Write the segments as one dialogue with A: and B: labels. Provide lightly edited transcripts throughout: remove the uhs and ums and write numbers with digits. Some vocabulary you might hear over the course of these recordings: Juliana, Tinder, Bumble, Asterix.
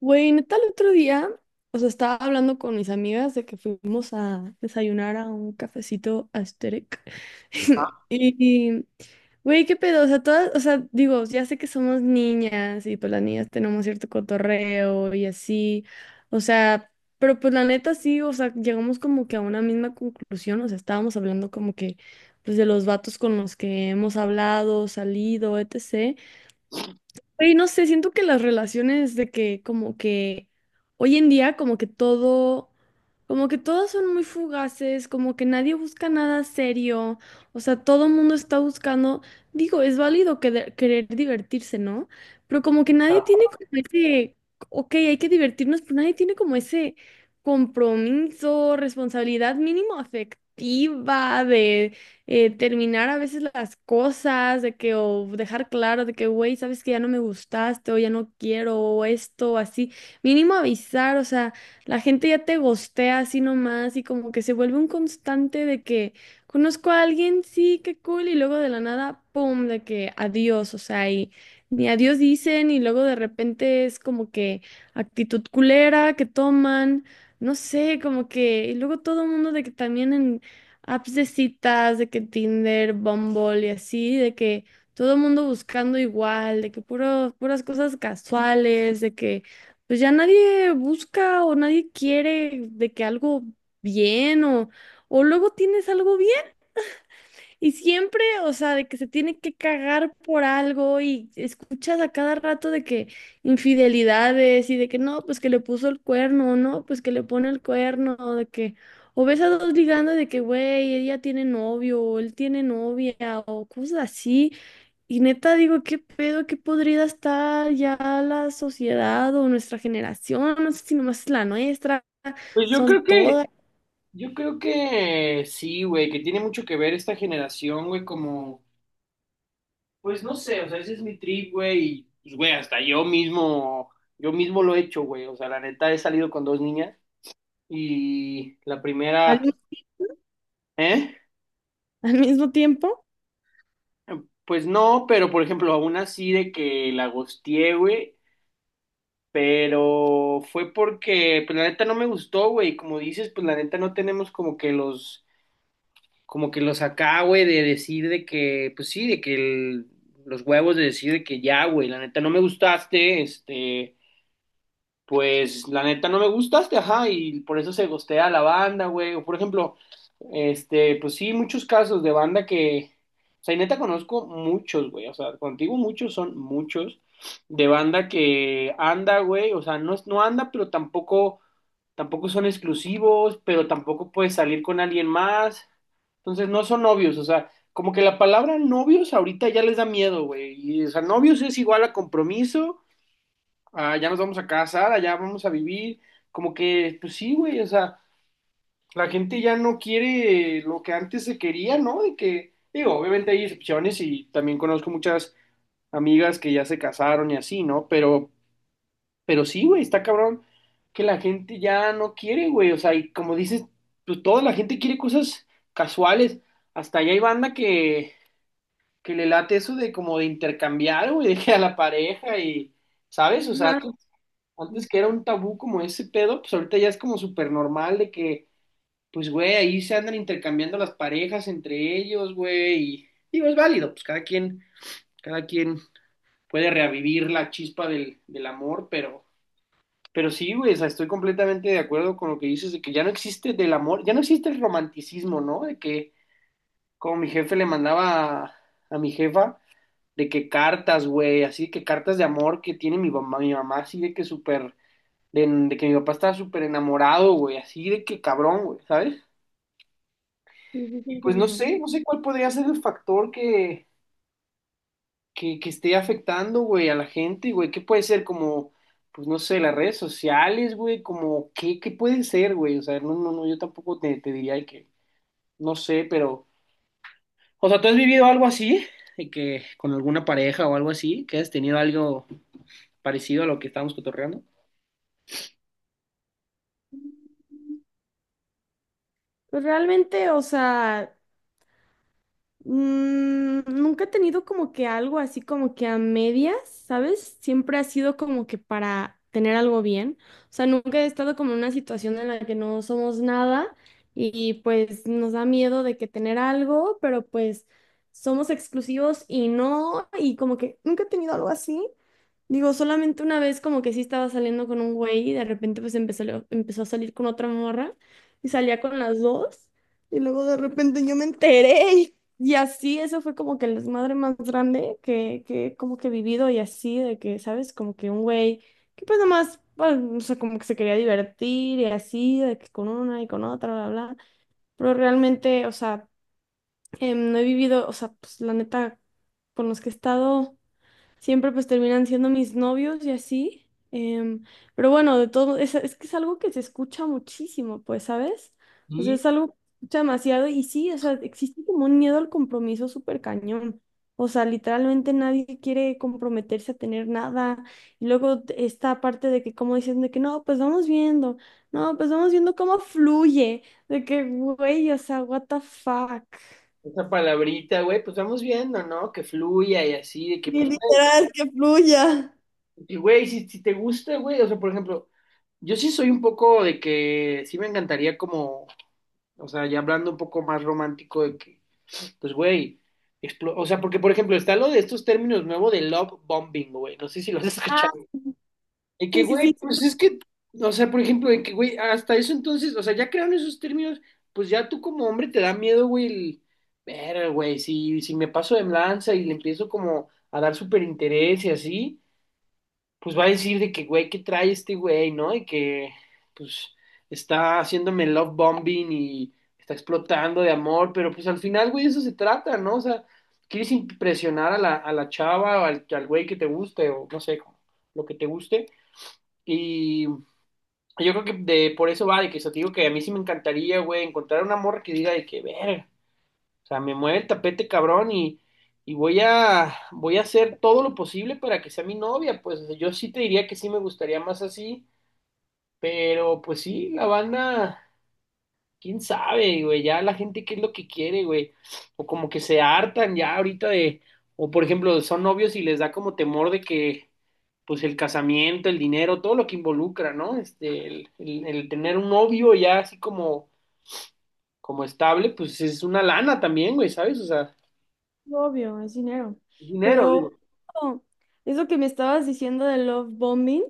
A: Güey, neta, el otro día, o sea, estaba hablando con mis amigas de que fuimos a desayunar a un cafecito Asterix.
B: Ah.
A: Y, güey, qué pedo, o sea, todas, o sea, digo, ya sé que somos niñas y pues las niñas tenemos cierto cotorreo y así, o sea, pero pues la neta sí, o sea, llegamos como que a una misma conclusión, o sea, estábamos hablando como que, pues de los vatos con los que hemos hablado, salido, etc. Güey, no sé, siento que las relaciones de que como que hoy en día como que todo, como que todas son muy fugaces, como que nadie busca nada serio, o sea, todo el mundo está buscando, digo, es válido querer, querer divertirse, ¿no? Pero como que nadie tiene como ese, ok, hay que divertirnos, pero nadie tiene como ese compromiso, responsabilidad mínimo afectiva de terminar a veces las cosas, de que, o dejar claro de que, güey, sabes que ya no me gustaste, o ya no quiero, o esto, o así. Mínimo avisar, o sea, la gente ya te gostea así nomás y como que se vuelve un constante de que conozco a alguien, sí, qué cool, y luego de la nada, pum, de que adiós, o sea, y ni adiós dicen, y luego de repente es como que actitud culera que toman. No sé, como que, y luego todo el mundo de que también en apps de citas, de que Tinder, Bumble y así, de que todo el mundo buscando igual, de que puro, puras cosas casuales, de que pues ya nadie busca o nadie quiere de que algo bien o luego tienes algo bien y siempre, o sea, de que se tiene que cagar por algo y escuchas a cada rato de que infidelidades y de que no, pues que le puso el cuerno, o no, pues que le pone el cuerno, o de que, o ves a dos ligando de que, güey, ella tiene novio, o él tiene novia, o cosas así. Y neta digo, qué pedo, qué podrida está ya la sociedad o nuestra generación, no sé si nomás es la nuestra,
B: Pues
A: son todas
B: yo creo que sí, güey, que tiene mucho que ver esta generación, güey, como, pues no sé, o sea, ese es mi trip, güey, y, pues, güey, hasta yo mismo lo he hecho, güey, o sea, la neta he salido con dos niñas y la
A: al,
B: primera, ¿eh?
A: al mismo tiempo.
B: Pues no, pero por ejemplo, aún así de que la gosteé, güey, pero fue porque, pues la neta no me gustó, güey, como dices, pues la neta no tenemos como que los acá, güey, de decir de que, pues sí, de que los huevos de decir de que ya, güey, la neta no me gustaste, este, pues la neta no me gustaste, ajá, y por eso se gostea a la banda, güey, o por ejemplo, este, pues sí, muchos casos de banda que, o sea, y neta conozco muchos, güey, o sea, contigo muchos son muchos, de banda que anda, güey, o sea, no, no anda, pero tampoco, tampoco son exclusivos, pero tampoco puedes salir con alguien más. Entonces no son novios, o sea, como que la palabra novios ahorita ya les da miedo, güey. Y, o sea, novios es igual a compromiso, a ya nos vamos a casar, allá vamos a vivir, como que, pues sí, güey, o sea, la gente ya no quiere lo que antes se quería, ¿no? De que, digo, obviamente hay excepciones y también conozco muchas amigas que ya se casaron y así, ¿no? Pero sí, güey, está cabrón que la gente ya no quiere, güey, o sea, y como dices, pues toda la gente quiere cosas casuales. Hasta allá hay banda que le late eso de como de intercambiar, güey, de que a la pareja y, ¿sabes? O sea,
A: Ajá.
B: antes,
A: Sí,
B: antes que era un tabú como ese pedo, pues ahorita ya es como súper normal de que, pues, güey, ahí se andan intercambiando las parejas entre ellos, güey, y digo, es válido, pues cada quien puede revivir la chispa del amor, pero sí, güey, o sea, estoy completamente de acuerdo con lo que dices de que ya no existe del amor, ya no existe el romanticismo, ¿no? De que como mi jefe le mandaba a mi jefa, de que cartas, güey, así de que cartas de amor que tiene mi mamá así de que súper, de que mi papá estaba súper enamorado, güey, así de que cabrón, güey, ¿sabes? Y
A: dicen que
B: pues no
A: no.
B: sé, no sé cuál podría ser el factor que esté afectando, güey, a la gente, güey, ¿qué puede ser como, pues no sé, las redes sociales, güey, como, ¿qué, qué puede ser, güey? O sea, no, no, no, yo tampoco te, te diría que, no sé, pero, o sea, ¿tú has vivido algo así? ¿De que con alguna pareja o algo así, que has tenido algo parecido a lo que estábamos cotorreando?
A: Pues realmente, o sea, nunca he tenido como que algo así como que a medias, ¿sabes? Siempre ha sido como que para tener algo bien. O sea, nunca he estado como en una situación en la que no somos nada y pues nos da miedo de que tener algo, pero pues somos exclusivos y no, y como que nunca he tenido algo así. Digo, solamente una vez como que sí estaba saliendo con un güey y de repente pues empezó a salir con otra morra y salía con las dos y luego de repente yo me enteré y así, eso fue como que el desmadre más grande que como que he vivido y así, de que, ¿sabes? Como que un güey que pues nomás, pues, o sea, como que se quería divertir y así, de que con una y con otra, bla, bla, pero realmente, o sea, no he vivido, o sea, pues la neta, con los que he estado siempre pues terminan siendo mis novios y así. Pero bueno, de todo, es que es algo que se escucha muchísimo, pues, ¿sabes? O sea,
B: Sí,
A: es algo que se escucha demasiado y sí, o sea, existe como un miedo al compromiso súper cañón. O sea, literalmente nadie quiere comprometerse a tener nada. Y luego esta parte de que, como dicen, de que no, pues vamos viendo, no, pues vamos viendo cómo fluye, de que, güey, o sea, what the fuck.
B: esa palabrita, güey, pues vamos viendo, ¿no? Que fluya y así, de que,
A: Y
B: pues, güey,
A: literal, que fluya.
B: y, güey, si, si te gusta, güey, o sea, por ejemplo, yo sí soy un poco de que, sí me encantaría como, o sea, ya hablando un poco más romántico de que, pues, güey, o sea, porque, por ejemplo, está lo de estos términos nuevos de love bombing, güey, no sé si los has
A: Ah,
B: escuchado. Y que,
A: sí, sí,
B: güey,
A: sí.
B: pues es que, o sea, por ejemplo, de que, güey, hasta eso entonces, o sea, ya crearon esos términos, pues ya tú como hombre te da miedo, güey, el, ver, güey, si, si me paso de lanza y le empiezo como a dar súper interés y así, pues va a decir de que, güey, ¿qué trae este güey, no? Y que, pues, está haciéndome love bombing y está explotando de amor, pero pues al final, güey, eso se trata, ¿no? O sea, quieres impresionar a la chava o al, al güey que te guste o no sé, lo que te guste. Y yo creo que de, por eso va, de que eso te digo que a mí sí me encantaría, güey, encontrar una morra que diga de que, verga, o sea, me mueve el tapete cabrón y voy a, voy a hacer todo lo posible para que sea mi novia, pues o sea, yo sí te diría que sí me gustaría más así, pero pues sí, la banda, quién sabe, güey, ya la gente qué es lo que quiere, güey, o como que se hartan ya ahorita de, o por ejemplo, son novios y les da como temor de que, pues el casamiento, el dinero, todo lo que involucra, ¿no? Este, el tener un novio ya así como, como estable, pues es una lana también, güey, ¿sabes? O sea,
A: Obvio, es dinero.
B: dinero, digo.
A: Pero oh, eso que me estabas diciendo de love bombing,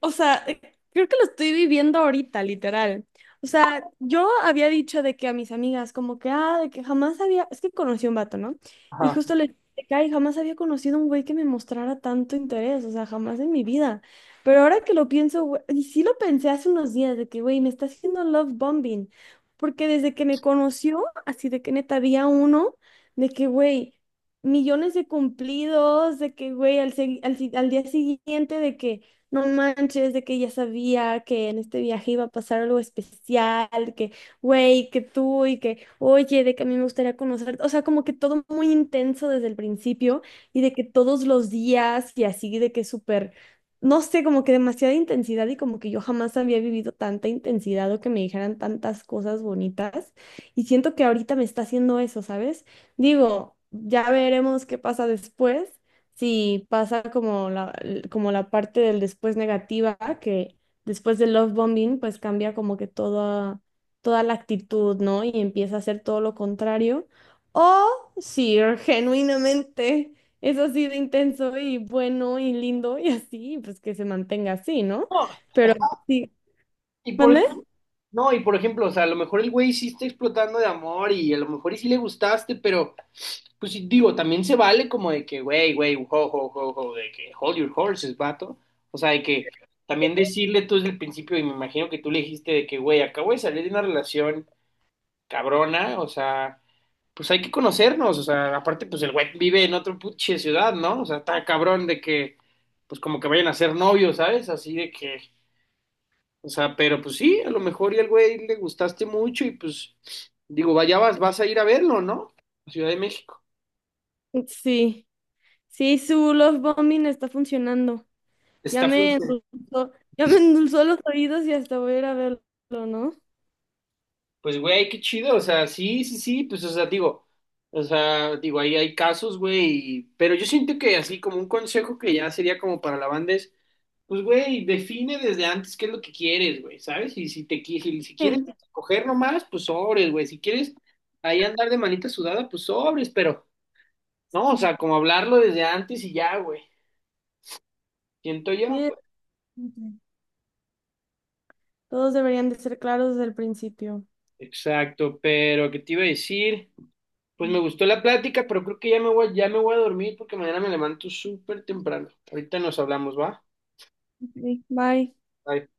A: o sea, creo que lo estoy viviendo ahorita, literal. O sea, yo había dicho de que a mis amigas, como que, ah, de que jamás había, es que conocí a un vato, ¿no? Y
B: Ajá.
A: justo le dije, de que, ay, jamás había conocido un güey que me mostrara tanto interés, o sea, jamás en mi vida. Pero ahora que lo pienso, güey, y sí lo pensé hace unos días, de que, güey, me está haciendo love bombing, porque desde que me conoció, así de que neta, día uno, de que, güey, millones de cumplidos, de que, güey, al, segui- al si- al día siguiente, de que no manches, de que ya sabía que en este viaje iba a pasar algo especial, que, güey, que tú y que, oye, de que a mí me gustaría conocerte. O sea, como que todo muy intenso desde el principio y de que todos los días y así, de que súper, no sé, como que demasiada intensidad y como que yo jamás había vivido tanta intensidad o que me dijeran tantas cosas bonitas. Y siento que ahorita me está haciendo eso, ¿sabes? Digo, ya veremos qué pasa después. Sí, pasa como como la parte del después negativa, que después del love bombing, pues cambia como que toda, toda la actitud, ¿no? Y empieza a hacer todo lo contrario. O si genuinamente es así de intenso y bueno y lindo y así, pues que se mantenga así, ¿no?
B: No,
A: Pero sí,
B: y por,
A: ¿mande?
B: no, y por ejemplo, o sea, a lo mejor el güey sí está explotando de amor y a lo mejor y sí le gustaste, pero pues digo, también se vale como de que, güey, güey, ho, ho, ho, ho, de que hold your horses, vato. O sea, de que también decirle tú desde el principio, y me imagino que tú le dijiste de que, güey, acabo de salir de una relación cabrona, o sea, pues hay que conocernos, o sea, aparte, pues el güey vive en otro puche ciudad, ¿no? O sea, está cabrón de que, pues como que vayan a ser novios, ¿sabes? Así de que, o sea, pero pues sí, a lo mejor y al güey le gustaste mucho y pues, digo, vaya, vas, vas a ir a verlo, ¿no? A Ciudad de México.
A: Sí, sí, su love bombing está funcionando. Ya
B: Está.
A: me endulzó, ya me endulzó los oídos y hasta voy a ir a verlo, ¿no?
B: Pues, güey, qué chido, o sea, sí, sí, sí, pues, o sea, digo, ahí hay casos, güey, pero yo siento que así como un consejo que ya sería como para la banda es, pues, güey, define desde antes qué es lo que quieres, güey, ¿sabes? Y si te si, si quieres coger nomás, pues sobres, güey, si quieres ahí andar de manita sudada, pues sobres, pero, no, o sea, como hablarlo desde antes y ya, güey, siento yo,
A: Sí,
B: pues.
A: todos deberían de ser claros desde el principio.
B: Exacto, pero, ¿qué te iba a decir? Pues me gustó la plática, pero creo que ya me voy a dormir porque mañana me levanto súper temprano. Ahorita nos hablamos, ¿va?
A: Ok, bye.
B: Bye.